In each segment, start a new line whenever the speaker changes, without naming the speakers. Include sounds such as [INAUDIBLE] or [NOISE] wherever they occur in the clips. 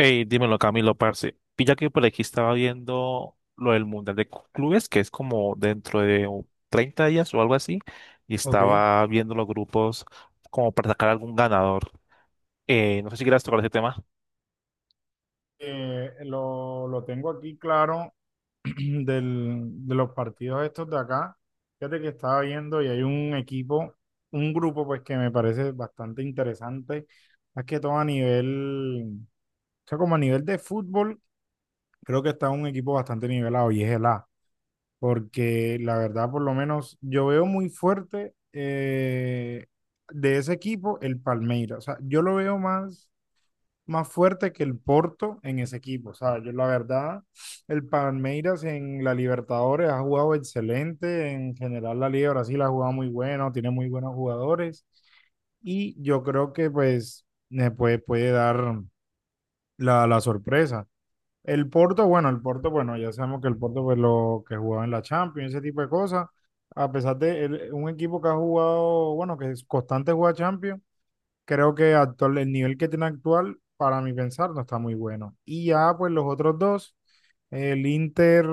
Hey, dímelo, Camilo, parce. Pilla que por aquí estaba viendo lo del Mundial de Clubes, que es como dentro de 30 días o algo así, y
Ok.
estaba viendo los grupos como para sacar algún ganador. No sé si quieras tocar ese tema.
Lo tengo aquí claro [CLEARS THROAT] de los partidos estos de acá. Fíjate que estaba viendo y hay un grupo pues que me parece bastante interesante. Más que todo a nivel, o sea, como a nivel de fútbol, creo que está un equipo bastante nivelado y es el A. Porque la verdad, por lo menos, yo veo muy fuerte de ese equipo el Palmeiras. O sea, yo lo veo más fuerte que el Porto en ese equipo. O sea, yo la verdad, el Palmeiras en la Libertadores ha jugado excelente, en general la Liga de Brasil ha jugado muy bueno, tiene muy buenos jugadores y yo creo que pues puede dar la sorpresa. El Porto, bueno, ya sabemos que el Porto pues lo que jugaba en la Champions, ese tipo de cosas, a pesar de un equipo que ha jugado, bueno, que es constante juega Champions creo que actual, el nivel que tiene actual, para mi pensar, no está muy bueno. Y ya, pues los otros dos, el Inter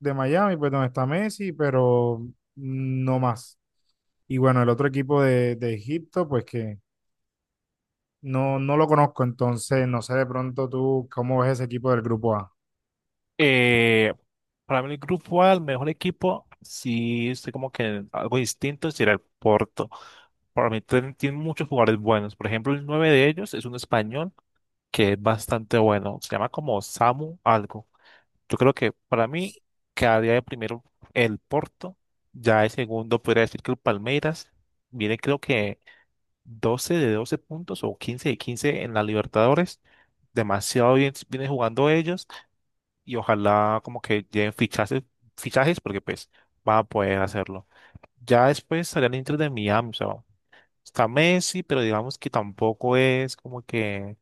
de Miami, pues donde está Messi, pero no más. Y bueno, el otro equipo de Egipto, pues que no lo conozco, entonces no sé de pronto tú cómo ves ese equipo del grupo A.
Eh, para mí el grupo A, el mejor equipo, sí estoy como que algo distinto, sería el Porto. Para mí tiene muchos jugadores buenos. Por ejemplo, el nueve de ellos es un español que es bastante bueno. Se llama como Samu algo. Yo creo que para mí quedaría de primero el Porto. Ya de segundo podría decir que el Palmeiras viene creo que 12 de 12 puntos o 15 de 15 en la Libertadores. Demasiado bien viene jugando ellos y ojalá como que lleguen fichajes, fichajes porque pues van a poder hacerlo. Ya después estarían dentro de Miami, o sea, está Messi, pero digamos que tampoco es como que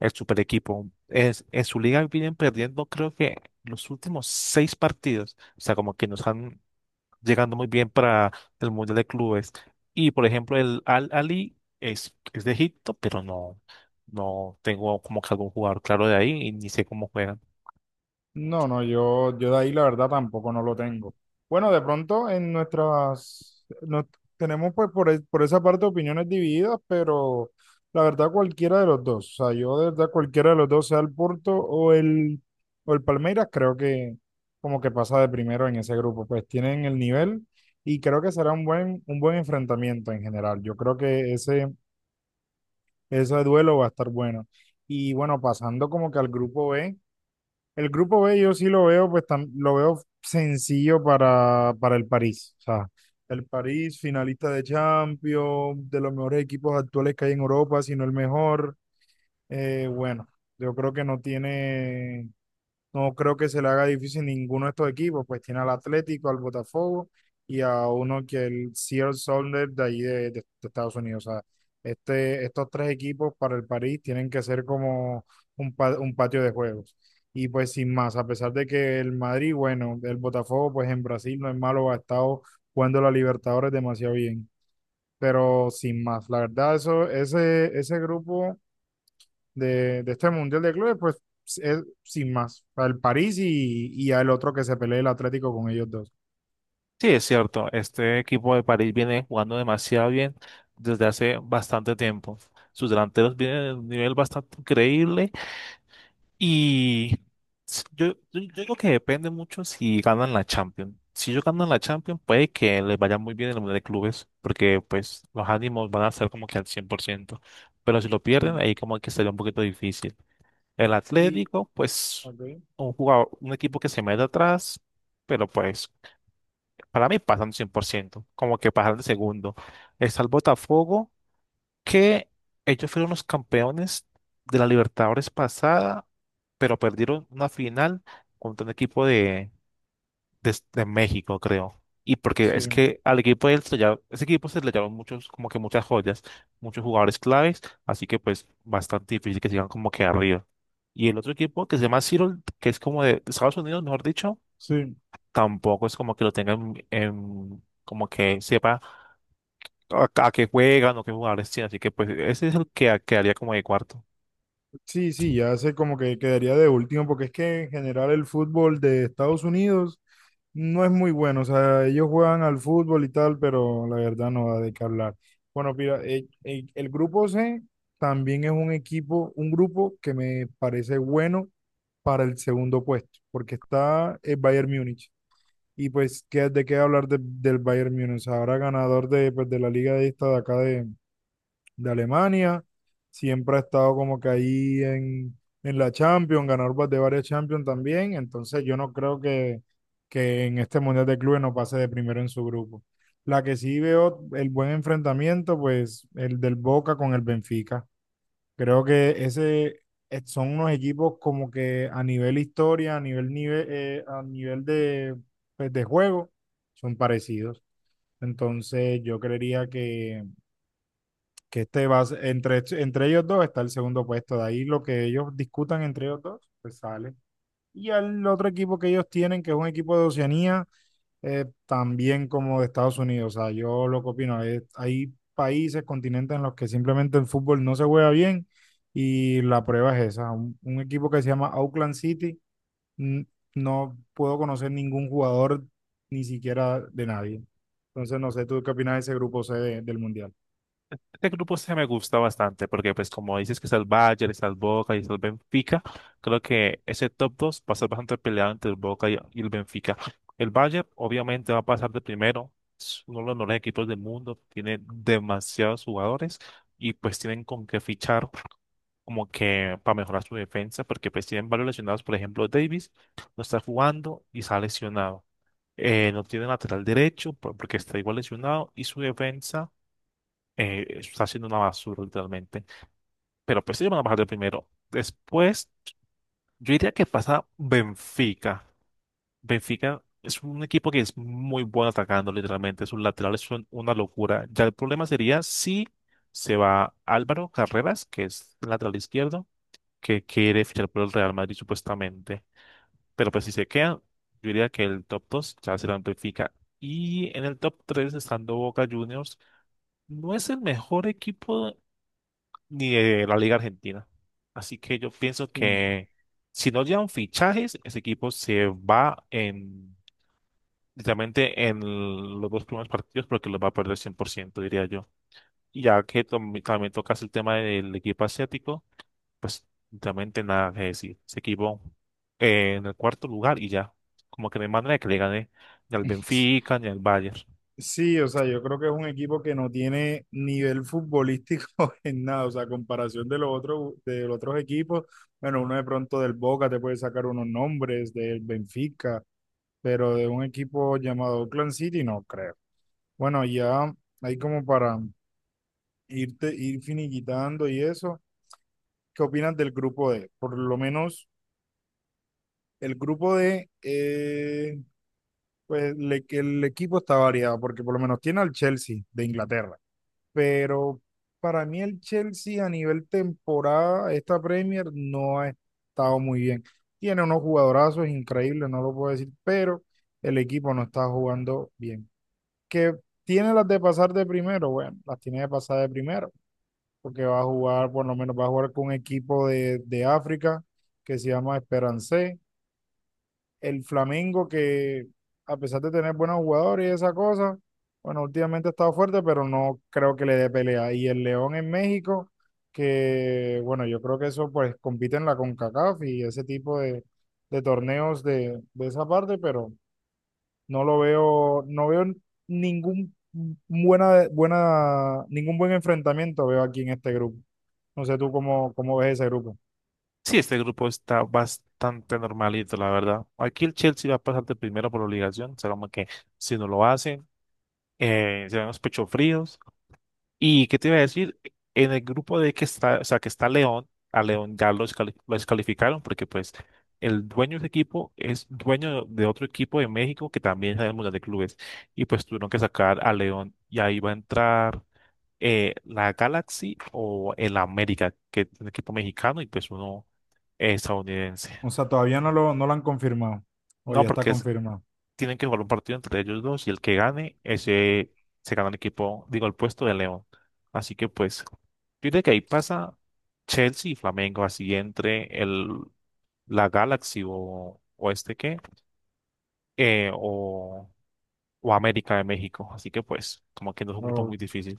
el super equipo. Es, en su liga vienen perdiendo creo que los últimos seis partidos, o sea, como que nos están llegando muy bien para el Mundial de Clubes. Y por ejemplo, el Al Ali es de Egipto, pero no tengo como que algún jugador claro de ahí y ni sé cómo juega.
No, no, yo de ahí la verdad tampoco no lo tengo. Bueno, de pronto en tenemos pues por esa parte opiniones divididas, pero la verdad cualquiera de los dos, o sea, yo de verdad cualquiera de los dos, sea el Porto o el Palmeiras, creo que como que pasa de primero en ese grupo, pues tienen el nivel y creo que será un buen enfrentamiento en general. Yo creo que ese duelo va a estar bueno. Y bueno, pasando como que al grupo B. El grupo B yo sí lo veo, pues lo veo sencillo para el París. O sea, el París, finalista de Champions, de los mejores equipos actuales que hay en Europa, si no el mejor. Bueno, yo creo que no creo que se le haga difícil ninguno de estos equipos, pues tiene al Atlético, al Botafogo y a uno que el Seattle Sounders de ahí de Estados Unidos. O sea, estos tres equipos para el París tienen que ser como un patio de juegos. Y pues sin más, a pesar de que el Madrid, bueno, el Botafogo, pues en Brasil no es malo, ha estado jugando la Libertadores demasiado bien. Pero sin más, la verdad, ese grupo de este Mundial de Clubes, pues es sin más, al París y al otro que se pelee el Atlético con ellos dos.
Sí, es cierto. Este equipo de París viene jugando demasiado bien desde hace bastante tiempo. Sus delanteros vienen de un nivel bastante increíble y yo creo que depende mucho si ganan la Champions. Si ellos ganan la Champions, puede que les vaya muy bien en el Mundial de Clubes, porque pues los ánimos van a ser como que al 100%. Pero si lo pierden,
Sí.
ahí como que sería un poquito difícil. El
Y,
Atlético, pues,
ok.
un jugador, un equipo que se mete atrás, pero pues, para mí pasan 100%, como que pasan de segundo. Está el Botafogo, que ellos fueron los campeones de la Libertadores pasada, pero perdieron una final contra un equipo de México, creo. Y porque
Sí,
es que al equipo de él ese equipo se le llevaron muchos, como que muchas joyas, muchos jugadores claves, así que pues bastante difícil que sigan como que arriba. Y el otro equipo que se llama Seattle, que es como de Estados Unidos, mejor dicho,
sí.
tampoco es como que lo tengan en, como que sepa a qué juegan o qué jugadores tienen, así que pues ese es el que quedaría como de cuarto.
Sí, sí, ya sé como que quedaría de último, porque es que en general el fútbol de Estados Unidos no es muy bueno. O sea, ellos juegan al fútbol y tal, pero la verdad no da de qué hablar. Bueno, mira, el grupo C también es un grupo que me parece bueno para el segundo puesto, porque está el Bayern Múnich. Y pues, ¿qué, de qué hablar del Bayern Múnich? Ahora ganador de, pues, de la liga de esta de acá de Alemania. Siempre ha estado como que ahí en la Champions, ganador de varias Champions también. Entonces yo no creo que en este Mundial de Clubes no pase de primero en su grupo. La que sí veo el buen enfrentamiento, pues el del Boca con el Benfica. Creo que ese son unos equipos como que a nivel historia, a nivel de, pues, de juego, son parecidos. Entonces yo creería que este entre, entre ellos dos está el segundo puesto. De ahí lo que ellos discutan entre ellos dos, pues sale. Y al otro equipo que ellos tienen, que es un equipo de Oceanía, también como de Estados Unidos. O sea, yo lo que opino, es, hay países, continentes en los que simplemente el fútbol no se juega bien y la prueba es esa. Un equipo que se llama Auckland City, n- no puedo conocer ningún jugador, ni siquiera de nadie. Entonces, no sé, ¿tú qué opinas de ese grupo C del Mundial?
Este grupo se me gusta bastante porque, pues, como dices que está el Bayern, está el Boca y está el Benfica, creo que ese top 2 va a ser bastante peleado entre el Boca y el Benfica. El Bayern obviamente va a pasar de primero, es uno de los mejores equipos del mundo, tiene demasiados jugadores y pues tienen con qué fichar como que para mejorar su defensa porque pues tienen varios lesionados, por ejemplo, Davis no está jugando y está lesionado. No tiene lateral derecho porque está igual lesionado y su defensa está siendo una basura literalmente. Pero pues ellos van a bajar de primero. Después, yo diría que pasa Benfica. Benfica es un equipo que es muy bueno atacando literalmente. Sus laterales son una locura. Ya el problema sería si se va Álvaro Carreras, que es el lateral izquierdo, que quiere fichar por el Real Madrid supuestamente. Pero pues si se queda, yo diría que el top 2 ya será Benfica. Y en el top 3 estando Boca Juniors. No es el mejor equipo ni de la Liga Argentina. Así que yo pienso
Sí.
que si no llegan fichajes, ese equipo se va en literalmente en los dos primeros partidos porque los va a perder 100% diría yo. Y ya que también tocas el tema del equipo asiático, pues literalmente nada que decir. Ese equipo en el cuarto lugar y ya. Como que no hay manera de que le gane ni al
[LAUGHS]
Benfica ni al Bayern.
Sí, o sea, yo creo que es un equipo que no tiene nivel futbolístico [LAUGHS] en nada, o sea, a comparación de los otros equipos, bueno, uno de pronto del Boca te puede sacar unos nombres, del Benfica, pero de un equipo llamado Oakland City no creo. Bueno, ya ahí como para irte, ir finiquitando y eso, ¿qué opinas del grupo D? Por lo menos el grupo D, pues que el equipo está variado, porque por lo menos tiene al Chelsea de Inglaterra, pero para mí el Chelsea a nivel temporada, esta Premier no ha estado muy bien. Tiene unos jugadorazos increíbles, no lo puedo decir, pero el equipo no está jugando bien. ¿Que tiene las de pasar de primero? Bueno, las tiene de pasar de primero, porque va a jugar, por lo menos va a jugar con un equipo de África que se llama Esperance, el Flamengo que a pesar de tener buenos jugadores y esa cosa, bueno, últimamente ha estado fuerte, pero no creo que le dé pelea. Y el León en México, que bueno, yo creo que eso pues compite en la CONCACAF y ese tipo de torneos de esa parte, pero no lo veo, no veo ningún ningún buen enfrentamiento veo aquí en este grupo. No sé tú cómo, cómo ves ese grupo.
Sí, este grupo está bastante normalito, la verdad. Aquí el Chelsea va a pasar de primero por obligación, o sea, como que si no lo hacen, serán los pechos fríos. ¿Y qué te iba a decir? En el grupo de que está, o sea, que está León, a León ya los lo descalificaron porque pues el dueño de ese equipo es dueño de otro equipo de México que también es el Mundial de Clubes y pues tuvieron que sacar a León y ahí va a entrar la Galaxy o el América, que es un equipo mexicano y pues uno estadounidense.
O sea, todavía no lo han confirmado. O
No,
ya está
porque
confirmado.
tienen que jugar un partido entre ellos dos y el que gane, ese se gana el equipo, digo, el puesto de León. Así que pues, yo diría que ahí pasa Chelsea y Flamengo, así entre el, la Galaxy o este qué, eh, o, o América de México. Así que pues, como que no es un grupo
O
muy difícil.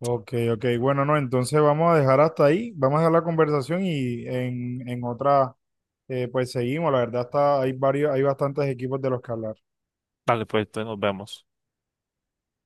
Ok, ok. Bueno, no, entonces vamos a dejar hasta ahí, vamos a dejar la conversación y en otra, pues seguimos. La verdad está, hay varios, hay bastantes equipos de los que hablar.
Vale, pues entonces nos vemos.